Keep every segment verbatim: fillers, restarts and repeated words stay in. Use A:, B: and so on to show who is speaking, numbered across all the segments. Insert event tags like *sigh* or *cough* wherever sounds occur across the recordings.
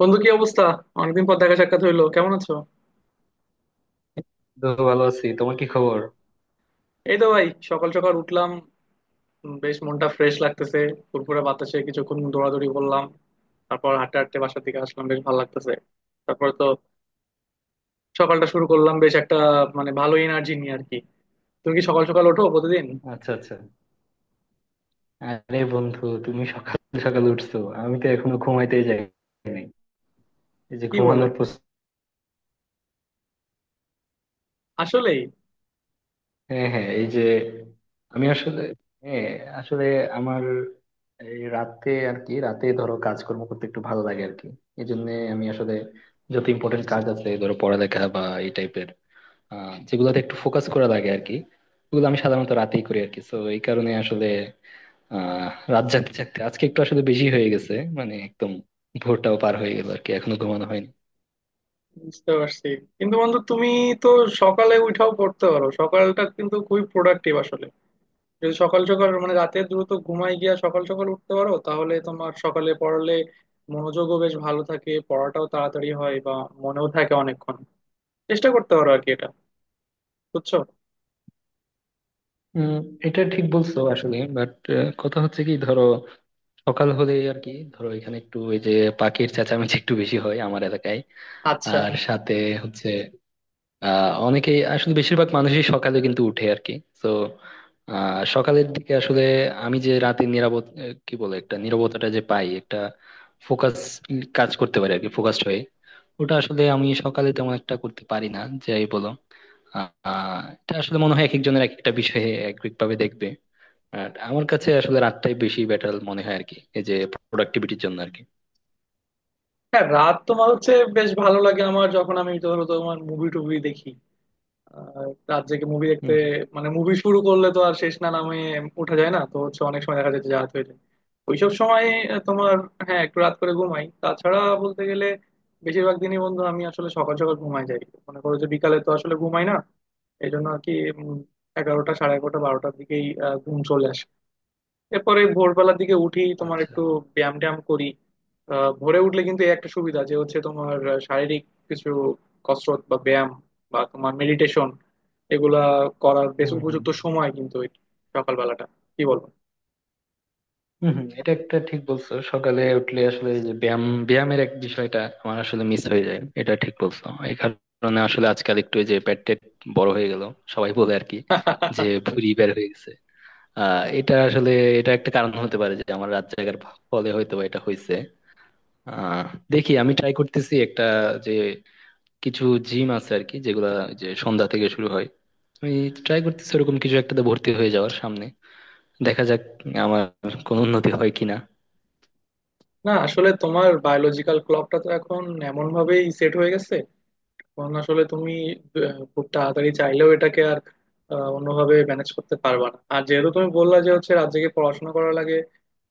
A: বন্ধু, কি অবস্থা? অনেকদিন পর দেখা সাক্ষাৎ হইলো, কেমন আছো?
B: তো ভালো আছি, তোমার কি খবর?
A: এই তো ভাই, সকাল সকাল উঠলাম। উম, বেশ মনটা ফ্রেশ লাগতেছে। ফুরফুরে বাতাসে কিছুক্ষণ দৌড়াদৌড়ি করলাম। তারপর হাঁটতে হাঁটতে বাসার দিকে আসলাম, বেশ ভালো লাগতেছে। তারপর তো সকালটা শুরু করলাম, বেশ একটা মানে ভালো এনার্জি নিয়ে আর কি। তুমি কি সকাল সকাল ওঠো প্রতিদিন?
B: আচ্ছা, আচ্ছা। আরে বন্ধু, তুমি সকাল সকাল উঠছো? আমি তো এখনো ঘুমাইতেই যাই নাই। এই যে
A: কি বলো,
B: ঘুমানোর প্রস-
A: আসলেই।
B: হ্যাঁ, হ্যাঁ, এই যে আমি আসলে, হ্যাঁ, আসলে আমার, এই রাতে আর কি, রাতে ধরো কাজকর্ম করতে একটু ভালো লাগে আর কি। এই জন্য আমি আসলে, যত ইম্পর্টেন্ট কাজ আছে ধরো পড়ালেখা বা এই টাইপের, আহ যেগুলোতে একটু ফোকাস করা লাগে আর কি। ওগুলো আমি সাধারণত রাতেই করি আর কি। তো এই কারণে আসলে আহ রাত জাগতে জাগতে আজকে একটু আসলে বেশি হয়ে গেছে, মানে একদম ভোরটাও পার হয়ে গেল আর কি, এখনো ঘুমানো হয়নি।
A: বুঝতে পারছি, কিন্তু বন্ধু তুমি তো সকালে উঠাও পড়তে পারো। সকালটা কিন্তু খুবই প্রোডাক্টিভ আসলে। যদি সকাল সকাল মানে রাতে দ্রুত ঘুমায় গিয়া সকাল সকাল উঠতে পারো তাহলে তোমার সকালে পড়লে মনোযোগও বেশ ভালো থাকে, পড়াটাও তাড়াতাড়ি হয় বা মনেও থাকে অনেকক্ষণ। চেষ্টা করতে পারো আর কি এটা, বুঝছো?
B: উম, এটা ঠিক বলছো আসলে, বাট কথা হচ্ছে কি ধরো, সকাল হলেই আর কি ধরো এখানে একটু ওই যে পাখির চেঁচামেচি একটু বেশি হয় আমার এলাকায়।
A: আচ্ছা।
B: আর সাথে হচ্ছে আহ অনেকেই আসলে, বেশিরভাগ মানুষই সকালে কিন্তু উঠে আর কি। তো আহ সকালের দিকে আসলে আমি যে রাতে নিরাপদ, আহ, কি বলে, একটা নীরবতাটা যে পাই, একটা ফোকাস কাজ করতে পারি আর কি ফোকাসড হয়ে। ওটা আসলে আমি সকালে তেমন একটা করতে পারি না, যাই বলো। আহ এটা আসলে মনে হয় এক একজনের এক একটা বিষয়ে এক এক ভাবে দেখবে। আর আমার কাছে আসলে রাতটাই বেশি বেটার মনে হয় আর কি, এই যে প্রোডাক্টিভিটির জন্য আর কি।
A: হ্যাঁ, রাত তোমার হচ্ছে বেশ ভালো লাগে। আমার যখন আমি ধরো তোমার মুভি টুভি দেখি আর রাত জেগে মুভি দেখতে,
B: হম হম।
A: মানে মুভি শুরু করলে তো আর শেষ না নামে, উঠা যায় না। তো হচ্ছে অনেক সময় দেখা যাচ্ছে যে রাত হয়ে যায় ওইসব সময় তোমার। হ্যাঁ, একটু রাত করে ঘুমাই, তাছাড়া বলতে গেলে বেশিরভাগ দিনই বন্ধু আমি আসলে সকাল সকাল ঘুমাই যাই। মনে করো যে বিকালে তো আসলে ঘুমাই না এই জন্য আর কি। উম, এগারোটা সাড়ে এগারোটা বারোটার দিকেই আহ, ঘুম চলে আসে। এরপরে ভোরবেলার দিকে উঠি তোমার
B: আচ্ছা।
A: একটু ব্যায়াম ট্যায়াম করি। আহ, ভোরে উঠলে কিন্তু এই একটা সুবিধা যে হচ্ছে তোমার আহ, শারীরিক কিছু কসরত বা ব্যায়াম বা তোমার মেডিটেশন এগুলা করার বেশ
B: হুম হুম।
A: উপযুক্ত সময় কিন্তু এই সকালবেলাটা। কি বলবো।
B: হুম হুম, এটা একটা ঠিক বলছো। সকালে উঠলে আসলে এই যে ব্যায়াম ব্যায়ামের এক বিষয়টা আমার আসলে মিস হয়ে যায়, এটা ঠিক বলছো। এই কারণে আসলে আজকাল একটু এই যে পেট টেট বড় হয়ে গেল, সবাই বলে আর কি, যে
A: *laughs*
B: ভুঁড়ি বের হয়ে গেছে। আহ এটা আসলে, এটা একটা কারণ হতে পারে যে আমার রাত জাগার ফলে হয়তো বা এটা হয়েছে। আহ দেখি আমি ট্রাই করতেছি, একটা যে কিছু জিম আছে আর কি যেগুলা যে সন্ধ্যা থেকে শুরু হয়, আমি ট্রাই করতেছি ওরকম কিছু একটাতে ভর্তি হয়ে যাওয়ার সামনে। দেখা যাক আমার কোনো উন্নতি হয় কিনা।
A: না আসলে তোমার বায়োলজিক্যাল ক্লকটা তো এখন এমন ভাবেই সেট হয়ে গেছে। কারণ আসলে তুমি আহ, খুব তাড়াতাড়ি চাইলেও এটাকে আর আহ, অন্যভাবে ম্যানেজ করতে পারবা না। আর যেহেতু তুমি বললা যে হচ্ছে রাত জেগে পড়াশোনা করা লাগে,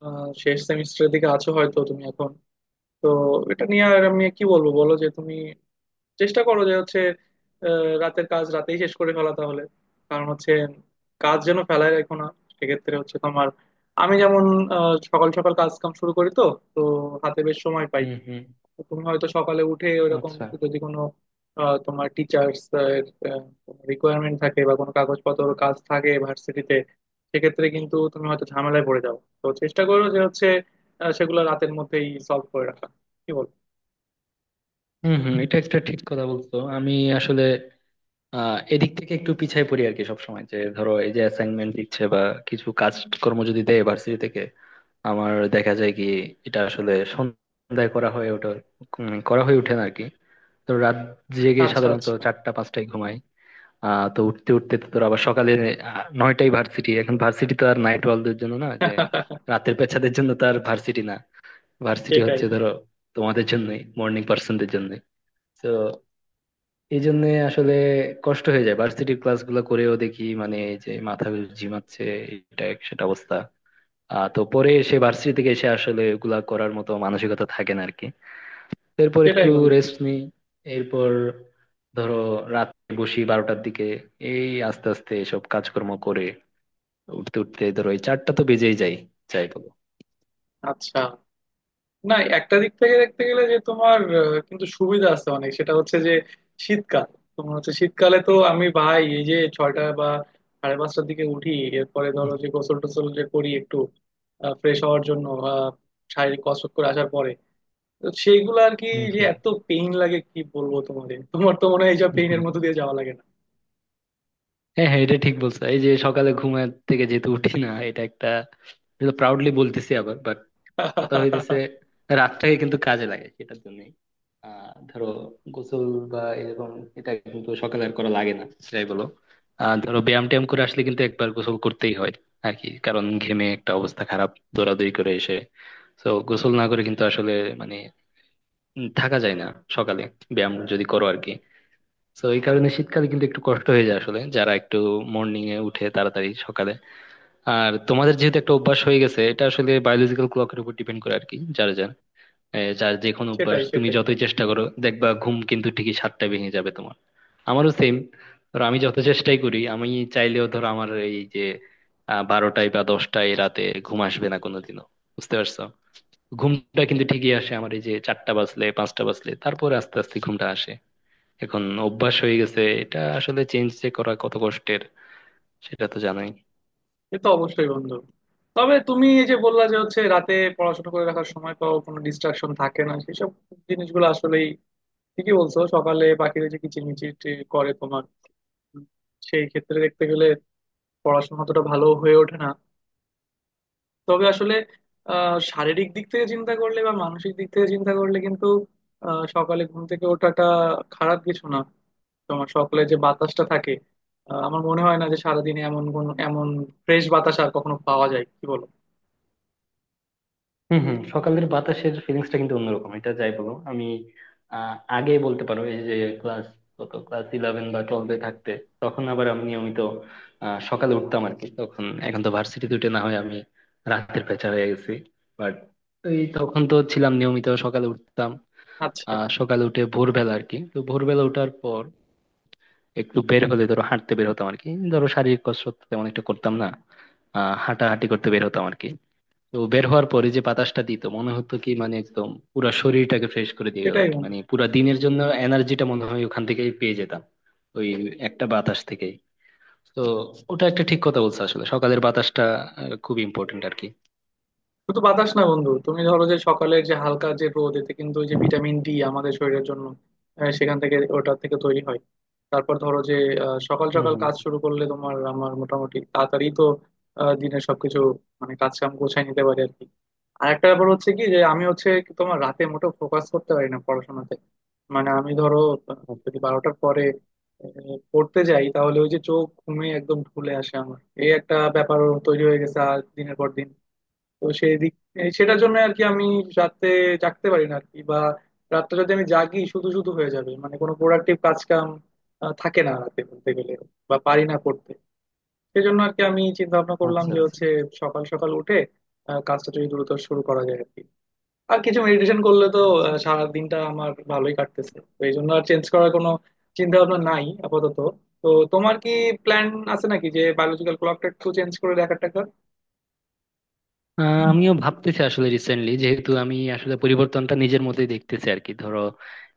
A: আহ, শেষ সেমিস্টারের দিকে আছো হয়তো তুমি এখন। তো এটা নিয়ে আর আমি কি বলবো বলো, যে তুমি চেষ্টা করো যে হচ্ছে আহ, রাতের কাজ রাতেই শেষ করে ফেলা তাহলে। কারণ হচ্ছে কাজ যেন ফেলায় রেখো না। সেক্ষেত্রে হচ্ছে তোমার, আমি যেমন আহ, সকাল সকাল কাজ কাম শুরু করি তো তো হাতে বেশ সময় পাই।
B: হুম হুম।
A: তো তুমি হয়তো সকালে উঠে ওইরকম,
B: আচ্ছা।
A: যদি কোনো আহ, তোমার টিচার্স রিকোয়ারমেন্ট থাকে বা কোনো কাগজপত্র কাজ থাকে ভার্সিটিতে, সেক্ষেত্রে কিন্তু তুমি হয়তো ঝামেলায় পড়ে যাও। তো চেষ্টা করো যে হচ্ছে আহ, সেগুলো রাতের মধ্যেই সলভ করে রাখা। কি বল?
B: হম হম, এটা একটা ঠিক কথা বলছো। আমি আসলে আহ এদিক থেকে একটু পিছায় পড়ি আর কি, সবসময় যে ধরো এই যে অ্যাসাইনমেন্ট দিচ্ছে বা কিছু কাজ কর্ম যদি দেয় ভার্সিটি থেকে, আমার দেখা যায় কি, এটা আসলে সন্ধ্যায় করা হয় ওটা। উম, করা হয়ে ওঠে না আর কি। তো রাত জেগে
A: আচ্ছা,
B: সাধারণত
A: আচ্ছা।
B: চারটা পাঁচটায় ঘুমাই। আহ তো উঠতে উঠতে তো তোর আবার সকালে আহ, নয়টায় ভার্সিটি। এখন ভার্সিটি তো আর নাইট ওয়ালদের জন্য না যে,
A: *laughs*
B: রাতের পেছাদের জন্য তো আর ভার্সিটি না। ভার্সিটি
A: সেটাই,
B: হচ্ছে ধরো তোমাদের জন্যই, মর্নিং পার্সনদের জন্যই। তো এই জন্য আসলে কষ্ট হয়ে যায়, ভার্সিটির ক্লাস গুলো করেও দেখি, মানে এই যে মাথা ঘুরে ঝিমাচ্ছে, এটা এক সেটা অবস্থা। আহ তো পরে এসে ভার্সিটি থেকে এসে আসলে ওগুলা করার মতো মানসিকতা থাকে না আরকি। তো এরপর
A: সেটাই
B: একটু
A: বন্ধু।
B: রেস্ট নিই, এরপর ধরো রাতে বসি বারোটার দিকে, এই আস্তে আস্তে এসব কাজকর্ম করে উঠতে উঠতে ধরো এই চারটা তো বেজেই যায়, যাই বলো।
A: আচ্ছা। না, একটা দিক থেকে দেখতে গেলে যে তোমার আহ, কিন্তু সুবিধা আছে অনেক, সেটা হচ্ছে যে শীতকাল। তোমার হচ্ছে শীতকালে তো আমি ভাই এই যে ছয়টা বা সাড়ে পাঁচটার দিকে উঠি। এরপরে ধরো যে গোসল টোসল যে করি একটু ফ্রেশ হওয়ার জন্য, আহ, শারীরিক কসরত করে আসার পরে। তো সেইগুলো আর কি,
B: হুম
A: যে
B: হুম।
A: এত পেইন লাগে, কি বলবো তোমাদের। তোমার তো মনে হয় এইসব
B: হুম।
A: পেইনের মধ্যে দিয়ে যাওয়া লাগে না।
B: হ্যাঁ, হ্যাঁ, এটা ঠিক বলছো। এই যে সকালে ঘুমের থেকে যেহেতু উঠি না, এটা একটা, প্রাউডলি বলতেছি আবার, কথা হইতেছে,
A: *laughs*
B: রাতটাকে কিন্তু কাজে লাগে সেটার জন্য। আহ ধরো গোসল বা এরকম, এটা কিন্তু সকালে আর করা লাগে না, সেটাই বলো। আহ ধরো ব্যায়াম ট্যায়াম করে আসলে কিন্তু একবার গোসল করতেই হয় আর কি, কারণ ঘেমে একটা অবস্থা খারাপ, দৌড়াদৌড়ি করে এসে, তো গোসল না করে কিন্তু আসলে মানে উম থাকা যায় না সকালে, ব্যায়াম যদি করো আর কি। তো এই কারণে শীতকালে কিন্তু একটু কষ্ট হয়ে যায় আসলে, যারা একটু মর্নিং এ উঠে তাড়াতাড়ি সকালে। আর তোমাদের যেহেতু একটা অভ্যাস হয়ে গেছে, এটা আসলে বায়োলজিক্যাল ক্লকের উপর ডিপেন্ড করে আর কি যার যার, এ, যার যে কোনো অভ্যাস,
A: সেটাই,
B: তুমি
A: সেটাই।
B: যতই চেষ্টা করো দেখবা ঘুম কিন্তু ঠিকই সাতটায় ভেঙে যাবে তোমার। আমারও সেম। ধরো আমি যত চেষ্টাই করি, আমি চাইলেও ধরো আমার এই যে আহ, বারোটায় বা দশটায় রাতে ঘুম আসবে না কোনোদিনও, বুঝতে পারছো? ঘুমটা কিন্তু ঠিকই আসে আমার এই যে চারটা বাজলে পাঁচটা বাজলে, তারপরে আস্তে আস্তে ঘুমটা আসে। এখন অভ্যাস হয়ে গেছে, এটা আসলে চেঞ্জ যে করা কত কষ্টের সেটা তো জানোই।
A: সে তো অবশ্যই বন্ধু। তবে তুমি এই যে বললা যে হচ্ছে রাতে পড়াশোনা করে রাখার সময় পাও, কোনো ডিস্ট্রাকশন থাকে না সেসব জিনিসগুলো, আসলেই ঠিকই বলছো। সকালে পাখিরা যে কিচিরমিচির করে তোমার, উম, সেই ক্ষেত্রে দেখতে গেলে পড়াশোনা অতটা ভালো হয়ে ওঠে না। তবে আসলে আহ শারীরিক দিক থেকে চিন্তা করলে বা মানসিক দিক থেকে চিন্তা করলে কিন্তু আহ সকালে ঘুম থেকে ওঠাটা খারাপ কিছু না। তোমার সকালে যে বাতাসটা থাকে, আহ, আমার মনে হয় না যে সারাদিনে এমন কোন এমন ফ্রেশ বাতাস আর কখনো পাওয়া যায়। কি বলো?
B: হম হম, সকালের বাতাসের ফিলিংসটা কিন্তু অন্যরকম, এটা যাই বলো। আমি আহ, আগে বলতে পারো এই যে ক্লাস কত ক্লাস ইলেভেন বা টুয়েলভে থাকতে, তখন আবার আমি নিয়মিত আহ, সকালে উঠতাম আর কি তখন, এখন তো ভার্সিটিতে উঠে না হয় আমি রাতের পেঁচা হয়ে গেছি। বাট এই তখন তো ছিলাম নিয়মিত সকালে উঠতাম।
A: আচ্ছা।
B: আহ সকালে উঠে ভোরবেলা আর কি, তো ভোরবেলা ওঠার পর একটু বের হলে ধরো হাঁটতে বের হতাম আর কি, ধরো শারীরিক কসরত তেমন একটা করতাম না, আহ হাঁটাহাঁটি করতে বের হতাম আর কি। তো বের হওয়ার পরে যে বাতাসটা দিত, মনে হতো কি মানে একদম পুরা শরীরটাকে ফ্রেশ করে দিয়ে গেল
A: সেটাই
B: আর কি।
A: বন্ধু।
B: মানে পুরা দিনের জন্য এনার্জিটা মনে হয় ওখান থেকেই পেয়ে যেতাম, ওই একটা বাতাস থেকেই। তো ওটা একটা ঠিক কথা বলছো আসলে, সকালের বাতাসটা আহ, খুব ইম্পর্টেন্ট আর কি।
A: শুধু বাতাস না বন্ধু, তুমি ধরো যে সকালের যে হালকা যে রোদ, এতে কিন্তু ওই যে ভিটামিন ডি আমাদের শরীরের জন্য আহ, সেখান থেকে ওটা থেকে তৈরি হয়। তারপর ধরো যে আহ, সকাল
B: হুম
A: সকাল
B: হুম।
A: কাজ শুরু করলে তোমার আমার মোটামুটি তাড়াতাড়ি তো আহ, দিনের সবকিছু মানে কাজ কাম গোছায় নিতে পারি আর কি। আর একটা ব্যাপার হচ্ছে কি, যে আমি হচ্ছে কি তোমার রাতে মোটেও ফোকাস করতে পারি না পড়াশোনাতে। মানে আমি ধরো আহ, যদি
B: আচ্ছা,
A: বারোটার পরে আহ, পড়তে যাই তাহলে ওই যে চোখ ঘুমে একদম ঢুলে আসে। আমার এই একটা ব্যাপার তৈরি হয়ে গেছে আর দিনের পর দিন। তো সেই দিক এই সেটার জন্য আর কি আমি রাতে জাগতে পারি না আর কি, বা রাতটা যদি আমি জাগি শুধু শুধু হয়ে যাবে, মানে কোনো প্রোডাক্টিভ কাজ কাম আহ, থাকে না রাতে বলতে গেলে, বা পারি না করতে। সেজন্য আর কি আমি চিন্তা ভাবনা করলাম
B: আচ্ছা।
A: যে
B: আচ্ছা,
A: হচ্ছে সকাল সকাল উঠে আহ, কাজটা যদি দ্রুত শুরু করা যায় আর কি। আর কিছু মেডিটেশন করলে তো
B: আচ্ছা।
A: আহ, সারা দিনটা আমার ভালোই কাটতেছে, তো এই জন্য আর চেঞ্জ করার কোনো চিন্তা ভাবনা নাই আপাতত। তো তোমার কি প্ল্যান আছে নাকি যে বায়োলজিক্যাল ক্লকটা একটু চেঞ্জ করে দেখার টাকা?
B: আহ, আমিও ভাবতেছি আসলে, রিসেন্টলি যেহেতু আমি আসলে পরিবর্তনটা নিজের মধ্যেই দেখতেছি আর কি ধরো,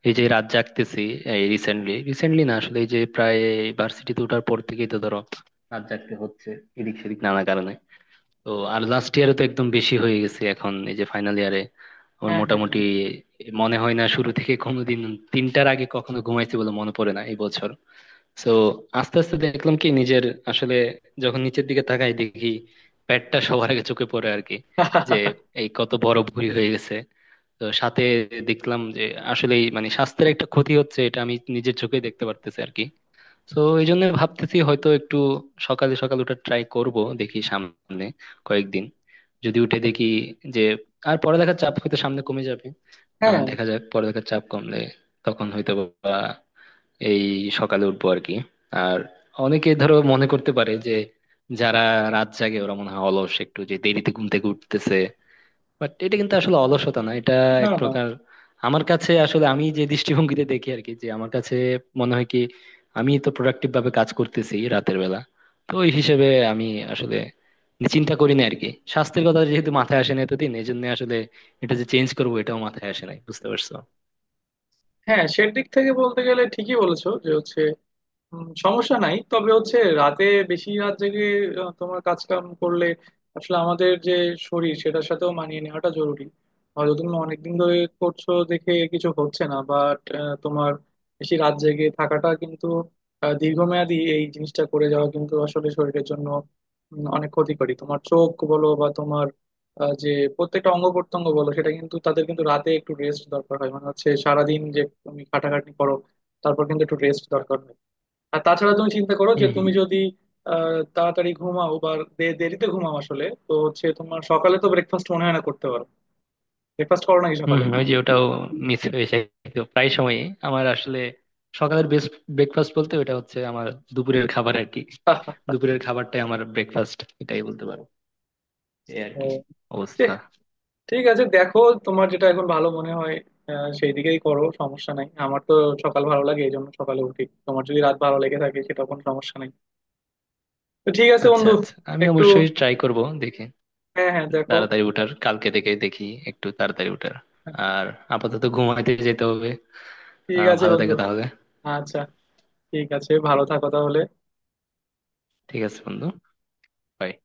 B: এই যে রাত জাগতেছি, এই রিসেন্টলি রিসেন্টলি না আসলে, এই যে প্রায় ভার্সিটিতে ওঠার পর থেকেই তো ধরো রাত জাগতে হচ্ছে এদিক সেদিক নানা কারণে। তো আর লাস্ট ইয়ারে তো একদম বেশি হয়ে গেছে, এখন এই যে ফাইনাল ইয়ারে আমার
A: হ্যাঁ, হ্যাঁ,
B: মোটামুটি
A: হ্যাঁ।
B: মনে হয় না শুরু থেকে কোনোদিন তিনটার আগে কখনো ঘুমাইছি বলে মনে পড়ে না এই বছর। সো আস্তে আস্তে দেখলাম কি নিজের, আসলে যখন নিচের দিকে তাকাই দেখি পেটটা সবার আগে চোখে পড়ে আর কি, যে
A: *laughs*
B: এই কত বড় ভুঁড়ি হয়ে গেছে। তো সাথে দেখলাম যে আসলে মানে স্বাস্থ্যের একটা ক্ষতি হচ্ছে, এটা আমি নিজের চোখে দেখতে পারতেছি আর কি। তো এই জন্য ভাবতেছি হয়তো একটু সকালে সকাল ওটা ট্রাই করব, দেখি সামনে কয়েকদিন, যদি উঠে দেখি যে, আর পড়ালেখার চাপ হয়তো সামনে কমে যাবে। আহ
A: হ্যাঁ।
B: দেখা যাক, পড়ালেখার চাপ কমলে তখন হয়তো বা এই সকালে উঠবো আর কি। আর অনেকে ধরো মনে করতে পারে যে যারা রাত জাগে ওরা মনে হয় অলস, একটু যে দেরিতে ঘুম থেকে উঠতেছে। বাট এটা কিন্তু আসলে অলসতা না, এটা
A: না,
B: এক
A: না।
B: প্রকার। আমার কাছে আসলে, আমি যে দৃষ্টিভঙ্গিতে দেখি আর কি, যে আমার কাছে মনে হয় কি, আমি তো প্রোডাক্টিভ ভাবে কাজ করতেছি রাতের বেলা। তো ওই হিসেবে আমি আসলে চিন্তা করি না আর কি, স্বাস্থ্যের কথা যেহেতু মাথায় আসে না এতদিন, এই জন্য আসলে এটা যে চেঞ্জ করবো এটাও মাথায় আসে নাই, বুঝতে পারছো?
A: হ্যাঁ, সেদিক থেকে বলতে গেলে ঠিকই বলেছো যে হচ্ছে উম, সমস্যা নাই। তবে হচ্ছে রাতে বেশি রাত জেগে আহ, তোমার কাজ কাম করলে আসলে আমাদের যে শরীর সেটার সাথেও মানিয়ে নেওয়াটা জরুরি। হয়তো তুমি অনেকদিন ধরে করছো দেখে কিছু হচ্ছে না, বাট তোমার বেশি রাত জেগে থাকাটা কিন্তু আহ, দীর্ঘমেয়াদী এই জিনিসটা করে যাওয়া কিন্তু আসলে শরীরের জন্য উম, অনেক ক্ষতিকরী। তোমার চোখ বলো বা তোমার আহ, যে প্রত্যেকটা অঙ্গ প্রত্যঙ্গ বলো সেটা কিন্তু তাদের কিন্তু রাতে একটু রেস্ট দরকার হয়। মানে হচ্ছে সারাদিন যে তুমি খাটাখাটনি করো তারপর কিন্তু একটু রেস্ট দরকার হয়। আর তাছাড়া তুমি চিন্তা করো যে
B: হম
A: তুমি যদি আহ, তাড়াতাড়ি ঘুমাও বা দে- দেরিতে ঘুমাও আসলে তো হচ্ছে তোমার সকালে তো ব্রেকফাস্ট মনে হয় না করতে পারো। ব্রেকফাস্ট করো নাকি
B: হম,
A: সকালে?
B: হম, ওই যে ওটাও মিস হয়ে যায় তো প্রায় সময়। আমার আসলে সকালের বেস্ট ব্রেকফাস্ট বলতে ওটা হচ্ছে আমার দুপুরের খাবার আর কি।
A: *laughs*
B: দুপুরের খাবারটাই আমার ব্রেকফাস্ট, এটাই বলতে পারো। এই আর
A: ও,
B: কি
A: ছি,
B: অবস্থা।
A: ঠিক আছে দেখো। তোমার যেটা এখন ভালো মনে হয় আহ, সেই দিকেই করো, সমস্যা নাই। আমার তো সকাল ভালো লাগে এই জন্য সকালে উঠি, তোমার যদি রাত ভালো লেগে থাকে সেটা কোনো সমস্যা নাই। তো ঠিক আছে
B: আচ্ছা,
A: বন্ধু।
B: আচ্ছা, আমি
A: একটু।
B: অবশ্যই ট্রাই করব দেখে,
A: হ্যাঁ, হ্যাঁ, দেখো।
B: তাড়াতাড়ি ওঠার, কালকে থেকে দেখি একটু তাড়াতাড়ি ওঠার।
A: হ্যাঁ,
B: আর আপাতত ঘুমাইতে যেতে হবে।
A: ঠিক
B: আহ
A: আছে
B: ভালো
A: বন্ধু।
B: থাকো তাহলে।
A: আচ্ছা। ঠিক আছে, ভালো থাকো তাহলে।
B: ঠিক আছে বন্ধু। Bye.